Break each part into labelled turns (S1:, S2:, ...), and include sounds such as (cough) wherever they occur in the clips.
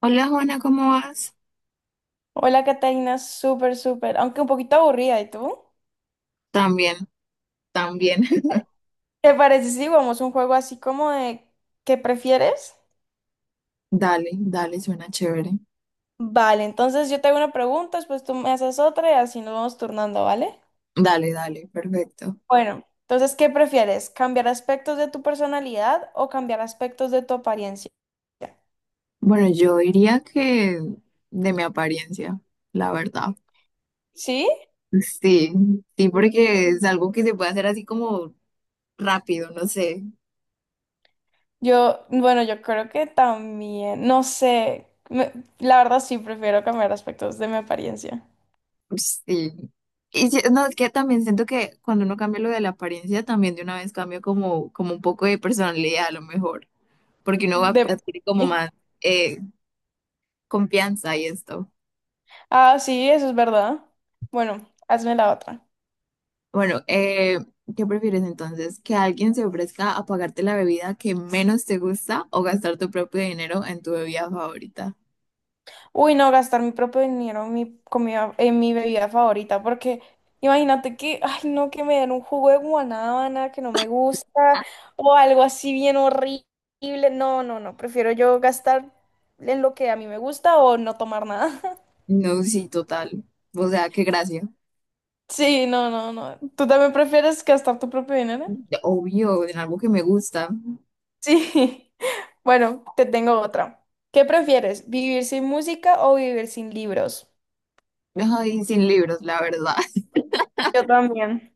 S1: Hola Juana, ¿cómo vas?
S2: Hola, Catalina, súper, súper, aunque un poquito aburrida, ¿y tú?
S1: También, también. (laughs)
S2: ¿Te parece si jugamos un juego así como de ¿qué prefieres?
S1: Dale, dale, suena chévere.
S2: Vale, entonces yo te hago una pregunta, después tú me haces otra y así nos vamos turnando, ¿vale?
S1: Dale, dale, perfecto.
S2: Bueno, entonces, ¿qué prefieres? ¿Cambiar aspectos de tu personalidad o cambiar aspectos de tu apariencia?
S1: Bueno, yo diría que de mi apariencia, la verdad.
S2: ¿Sí?
S1: Sí, sí, porque es algo que se puede hacer así como rápido, no sé.
S2: Yo, bueno, yo creo que también, no sé, la verdad sí prefiero cambiar aspectos de mi apariencia.
S1: Sí. No, es que también siento que cuando uno cambia lo de la apariencia, también de una vez cambia como, como un poco de personalidad a lo mejor, porque uno va a
S2: De...
S1: adquirir como más
S2: (laughs)
S1: eh, confianza y esto.
S2: Ah, sí, eso es verdad. Bueno, hazme la otra.
S1: Bueno, ¿qué prefieres entonces? ¿Que alguien se ofrezca a pagarte la bebida que menos te gusta o gastar tu propio dinero en tu bebida favorita?
S2: Uy, no, gastar mi propio dinero en mi comida, en mi bebida favorita, porque imagínate que, ay, no, que me den un jugo de guanábana que no me gusta o algo así bien horrible. No, no, no, prefiero yo gastar en lo que a mí me gusta o no tomar nada. (laughs)
S1: No, sí, total. O sea, qué gracia.
S2: Sí, no, no, no. ¿Tú también prefieres gastar tu propio dinero?
S1: Obvio, en algo que me gusta.
S2: Sí. (laughs) Bueno, te tengo otra. ¿Qué prefieres, vivir sin música o vivir sin libros?
S1: Ay, sin libros, la verdad. (laughs)
S2: Yo también.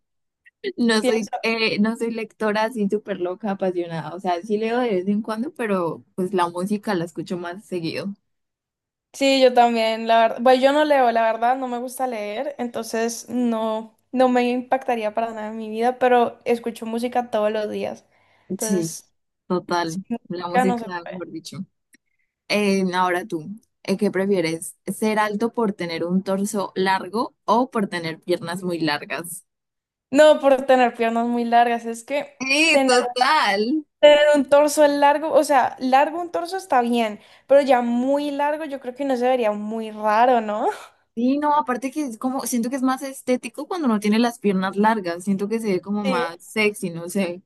S1: No soy,
S2: Pienso,
S1: no soy lectora así súper loca, apasionada. O sea, sí leo de vez en cuando, pero pues la música la escucho más seguido.
S2: sí, yo también, la verdad. Bueno, yo no leo, la verdad, no me gusta leer, entonces no, no me impactaría para nada en mi vida, pero escucho música todos los días.
S1: Sí,
S2: Entonces, sin
S1: total. La
S2: música no se
S1: música,
S2: puede.
S1: mejor dicho. No, ahora tú, ¿qué prefieres? ¿Ser alto por tener un torso largo o por tener piernas muy largas?
S2: No por tener piernas muy largas, es que
S1: Sí,
S2: tener,
S1: total.
S2: tener un torso largo, o sea, largo un torso está bien, pero ya muy largo yo creo que no se vería muy raro, ¿no?
S1: Sí, no, aparte que es como, siento que es más estético cuando no tiene las piernas largas, siento que se ve como
S2: (laughs)
S1: más
S2: Sí.
S1: sexy, no sé.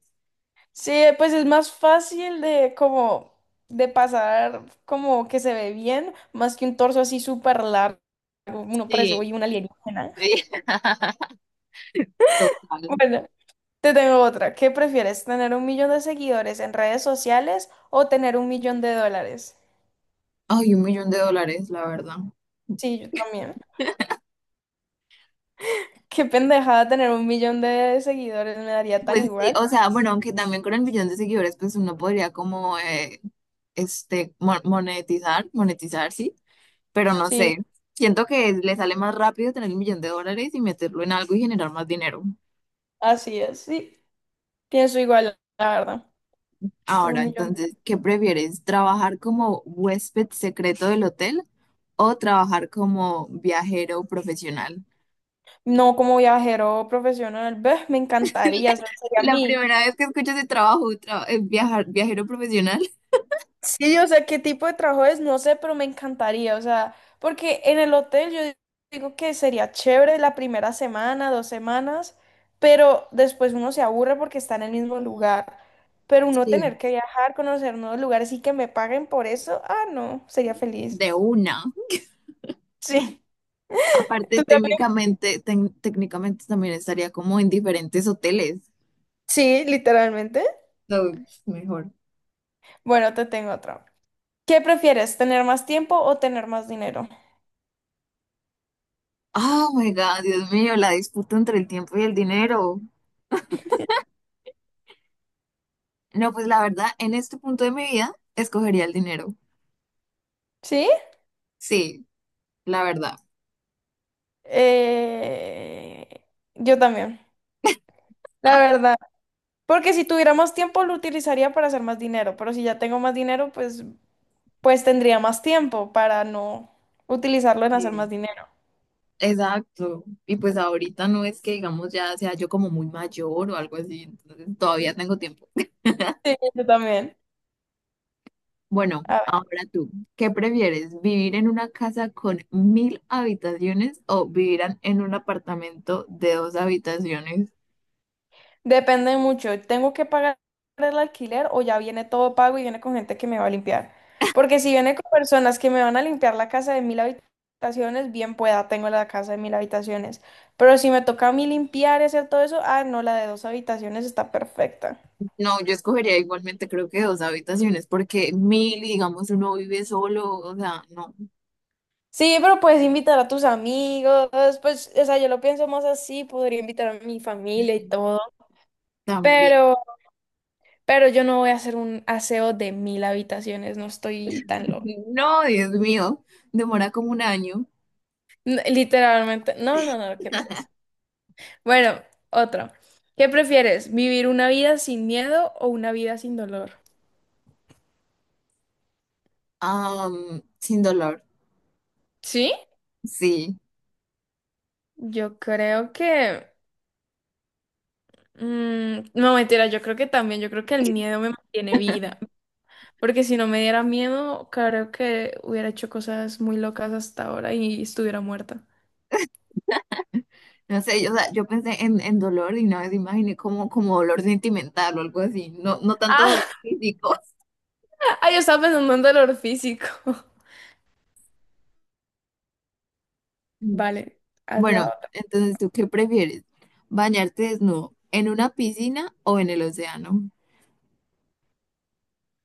S2: Sí, pues es más fácil de como de pasar como que se ve bien, más que un torso así súper largo. Uno parece
S1: Sí,
S2: hoy un alienígena.
S1: sí.
S2: (laughs)
S1: (laughs) Total.
S2: Bueno, te tengo otra. ¿Qué prefieres? ¿Tener un millón de seguidores en redes sociales o tener un millón de dólares?
S1: Ay, un millón de dólares, la verdad.
S2: Sí, yo también. (laughs) Qué pendejada tener un millón de seguidores, me daría tan
S1: Pues sí,
S2: igual.
S1: o sea, bueno, aunque también con el millón de seguidores, pues uno podría como, este, monetizar, monetizar, sí, pero no
S2: Sí,
S1: sé. Siento que le sale más rápido tener un millón de dólares y meterlo en algo y generar más dinero.
S2: así es, sí. Pienso igual, la verdad. Pero
S1: Ahora,
S2: un millón.
S1: entonces, ¿qué prefieres? ¿Trabajar como huésped secreto del hotel o trabajar como viajero profesional?
S2: No como viajero profesional, ve, me encantaría,
S1: (laughs)
S2: ese sería
S1: La
S2: mi.
S1: primera vez que escucho ese trabajo, viajar, viajero profesional.
S2: Sí, o sea, qué tipo de trabajo es, no sé, pero me encantaría, o sea, porque en el hotel yo digo que sería chévere la primera semana, 2 semanas, pero después uno se aburre porque está en el mismo lugar. Pero uno
S1: Sí.
S2: tener que viajar, conocer nuevos lugares y que me paguen por eso, ah, no, sería
S1: (laughs)
S2: feliz.
S1: De una.
S2: Sí, (laughs)
S1: Aparte,
S2: tú también.
S1: técnicamente, técnicamente también estaría como en diferentes hoteles.
S2: Sí, literalmente.
S1: So, mejor.
S2: Bueno, te tengo otro. ¿Qué prefieres, tener más tiempo o tener más dinero?
S1: Oh my God, Dios mío, la disputa entre el tiempo y el dinero. No, pues la verdad, en este punto de mi vida, escogería el dinero.
S2: ¿Sí?
S1: Sí, la verdad.
S2: Eh, Yo también. La verdad. Porque si tuviéramos tiempo lo utilizaría para hacer más dinero, pero si ya tengo más dinero, pues tendría más tiempo para no utilizarlo en hacer más
S1: Sí.
S2: dinero.
S1: Exacto. Y pues ahorita no es que, digamos, ya sea yo como muy mayor o algo así, entonces todavía tengo tiempo. (laughs)
S2: Sí, yo también.
S1: Bueno,
S2: A ver,
S1: ahora tú, ¿qué prefieres? ¿Vivir en una casa con mil habitaciones o vivir en un apartamento de dos habitaciones?
S2: depende mucho. ¿Tengo que pagar el alquiler o ya viene todo pago y viene con gente que me va a limpiar? Porque si viene con personas que me van a limpiar la casa de mil habitaciones, bien pueda, tengo la casa de mil habitaciones. Pero si me toca a mí limpiar y hacer todo eso, ah, no, la de dos habitaciones está perfecta.
S1: No, yo escogería igualmente creo que dos habitaciones, porque mil, y digamos, uno vive solo, o sea, no,
S2: Sí, pero puedes invitar a tus amigos, pues, o sea, yo lo pienso más así, podría invitar a mi
S1: mm,
S2: familia y
S1: mm,
S2: todo,
S1: también.
S2: pero, pero yo no voy a hacer un aseo de mil habitaciones, no estoy tan loca.
S1: (laughs) No, Dios mío, demora como un año.
S2: Literalmente, no, no, no, qué tal. Bueno, otro. ¿Qué prefieres, vivir una vida sin miedo o una vida sin dolor?
S1: Sin dolor,
S2: ¿Sí?
S1: sí.
S2: Yo creo que, no, mentira, yo creo que también, yo creo que el miedo me mantiene viva. Porque si no me diera miedo, creo que hubiera hecho cosas muy locas hasta ahora y estuviera muerta.
S1: No sé, yo, o sea, yo pensé en dolor y una vez imaginé como, como dolor sentimental o algo así, no, no tanto dolor
S2: Ah,
S1: físico. (laughs)
S2: (laughs) ah, yo estaba pensando en dolor físico. (laughs)
S1: Mm.
S2: Vale, haz la
S1: Bueno,
S2: otra.
S1: entonces, ¿tú qué prefieres? ¿Bañarte desnudo en una piscina o en el océano?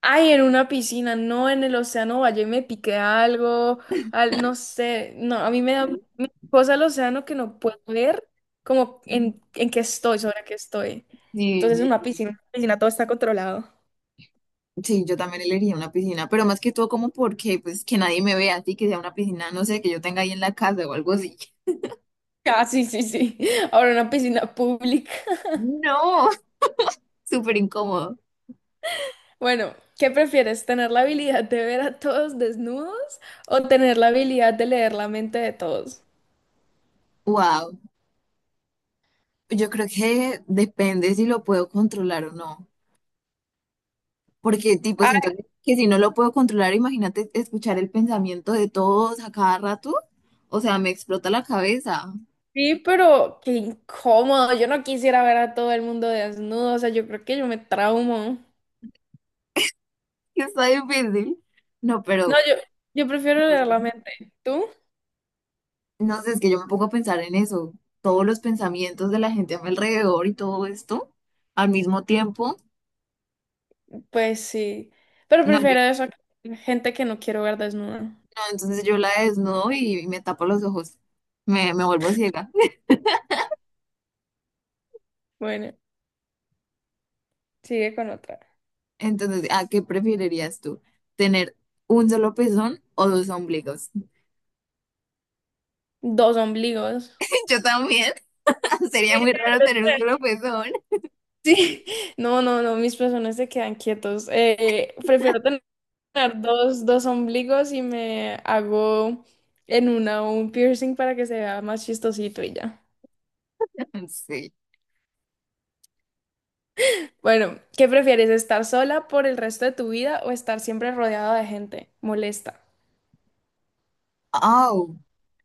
S2: Ay, en una piscina, no en el océano, vaya y me piqué algo, no sé, no, a mí me da me cosa el océano que no puedo ver como en qué estoy, sobre qué estoy. Entonces en
S1: Sí,
S2: una piscina, en una piscina todo está controlado. (laughs)
S1: sí, yo también elegiría una piscina, pero más que todo como porque, pues, que nadie me vea así, que sea una piscina, no sé, que yo tenga ahí en la casa o algo así.
S2: Ah, sí, sí, sí. Ahora en una piscina pública.
S1: No, (laughs) súper incómodo.
S2: Bueno, ¿qué prefieres? ¿Tener la habilidad de ver a todos desnudos o tener la habilidad de leer la mente de todos?
S1: Wow, yo creo que depende si lo puedo controlar o no, porque tipo,
S2: Ay,
S1: siento que si no lo puedo controlar, imagínate escuchar el pensamiento de todos a cada rato, o sea, me explota la cabeza. (laughs)
S2: sí, pero qué incómodo. Yo no quisiera ver a todo el mundo desnudo. O sea, yo creo que yo me traumo.
S1: Está difícil. No, pero,
S2: No, yo prefiero
S1: no
S2: leer
S1: sé.
S2: la mente. ¿Tú?
S1: No sé, es que yo me pongo a pensar en eso, todos los pensamientos de la gente a mi alrededor y todo esto al mismo tiempo.
S2: Pues sí. Pero
S1: No, yo,
S2: prefiero eso que gente que no quiero ver desnuda.
S1: no, entonces yo la desnudo y me tapo los ojos, me vuelvo ciega.
S2: Bueno, sigue con otra.
S1: Entonces, ¿a qué preferirías tú? ¿Tener un solo pezón o dos ombligos?
S2: Dos ombligos.
S1: (laughs) Yo también, (laughs) sería muy raro tener un solo
S2: (laughs)
S1: pezón.
S2: Sí, no, no, no, mis personas se quedan quietos. Prefiero tener poner dos ombligos y me hago en una un piercing para que se vea más chistosito y ya.
S1: (laughs) Sí.
S2: Bueno, ¿qué prefieres? ¿Estar sola por el resto de tu vida o estar siempre rodeada de gente molesta?
S1: Au.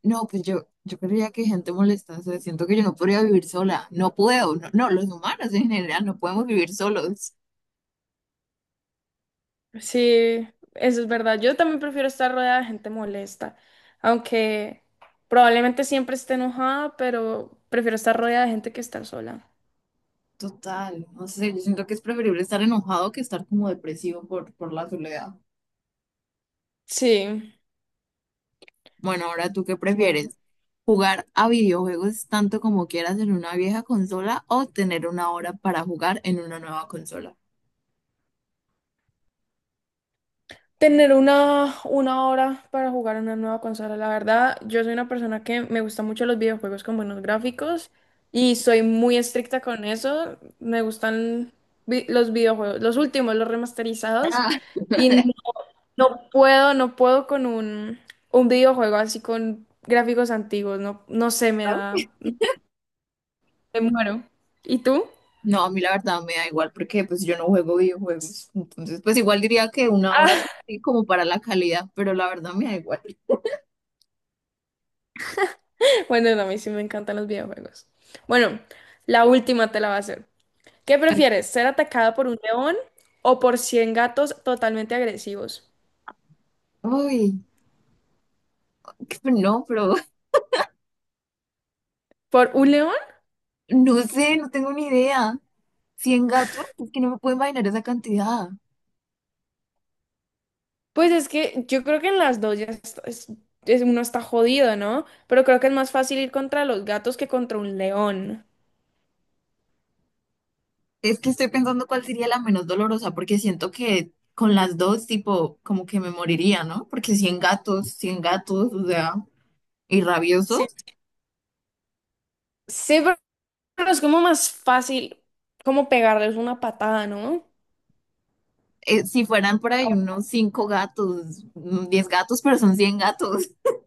S1: No, pues yo creía que gente molesta, o sea, siento que yo no podría vivir sola, no puedo, no, no, los humanos en general no podemos vivir solos.
S2: Sí, eso es verdad. Yo también prefiero estar rodeada de gente molesta, aunque probablemente siempre esté enojada, pero prefiero estar rodeada de gente que estar sola.
S1: Total, no sé, yo siento que es preferible estar enojado que estar como depresivo por la soledad.
S2: Sí,
S1: Bueno, ahora tú qué
S2: bueno.
S1: prefieres, jugar a videojuegos tanto como quieras en una vieja consola o tener una hora para jugar en una nueva consola.
S2: Tener una hora para jugar una nueva consola, la verdad, yo soy una persona que me gusta mucho los videojuegos con buenos gráficos y soy muy estricta con eso. Me gustan los videojuegos, los últimos, los remasterizados y no,
S1: (laughs)
S2: no puedo con un videojuego así con gráficos antiguos, no, no sé, me muero. ¿Y tú?
S1: No, a mí la verdad me da igual porque pues yo no juego videojuegos, entonces pues igual diría que una hora sí, como para la calidad, pero la verdad me da igual.
S2: (laughs) Bueno, no, a mí sí me encantan los videojuegos. Bueno, la última te la va a hacer. ¿Qué
S1: (laughs)
S2: prefieres? ¿Ser atacado por un león o por 100 gatos totalmente agresivos?
S1: Uy, qué- no, pero
S2: ¿Por un león?
S1: (laughs) no sé, no tengo ni idea. Cien gatos, es que no me puedo imaginar esa cantidad.
S2: Pues es que yo creo que en las dos ya uno está jodido, ¿no? Pero creo que es más fácil ir contra los gatos que contra un león.
S1: Es que estoy pensando cuál sería la menos dolorosa, porque siento que con las dos, tipo, como que me moriría, ¿no? Porque 100 gatos, o sea, y rabiosos.
S2: Sí. Sí, pero es como más fácil como pegarles una patada, ¿no?
S1: Si fueran por ahí
S2: Ah,
S1: unos 5 gatos, mm, 10 gatos, pero son 100 gatos. (laughs)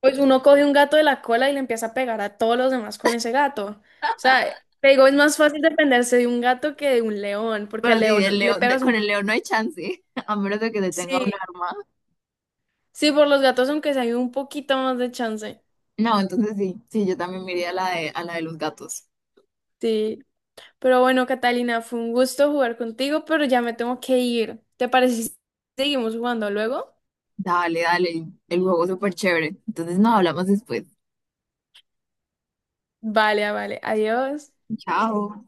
S2: pues uno coge un gato de la cola y le empieza a pegar a todos los demás con ese gato. O sea, te digo, es más fácil defenderse de un gato que de un león, porque
S1: Pero
S2: al
S1: si del
S2: león le
S1: león,
S2: pegas
S1: con
S2: un...
S1: el león no hay chance, (laughs) a menos de que se tenga
S2: Sí,
S1: un arma.
S2: sí, por los gatos, aunque sea hay un poquito más de chance.
S1: No, entonces sí, sí, yo también me iría a la de los gatos.
S2: Sí. Pero bueno, Catalina, fue un gusto jugar contigo, pero ya me tengo que ir. ¿Te parece si seguimos jugando luego?
S1: Dale, dale, el juego súper chévere. Entonces nos hablamos después.
S2: Vale, ah, vale. Adiós.
S1: Chao.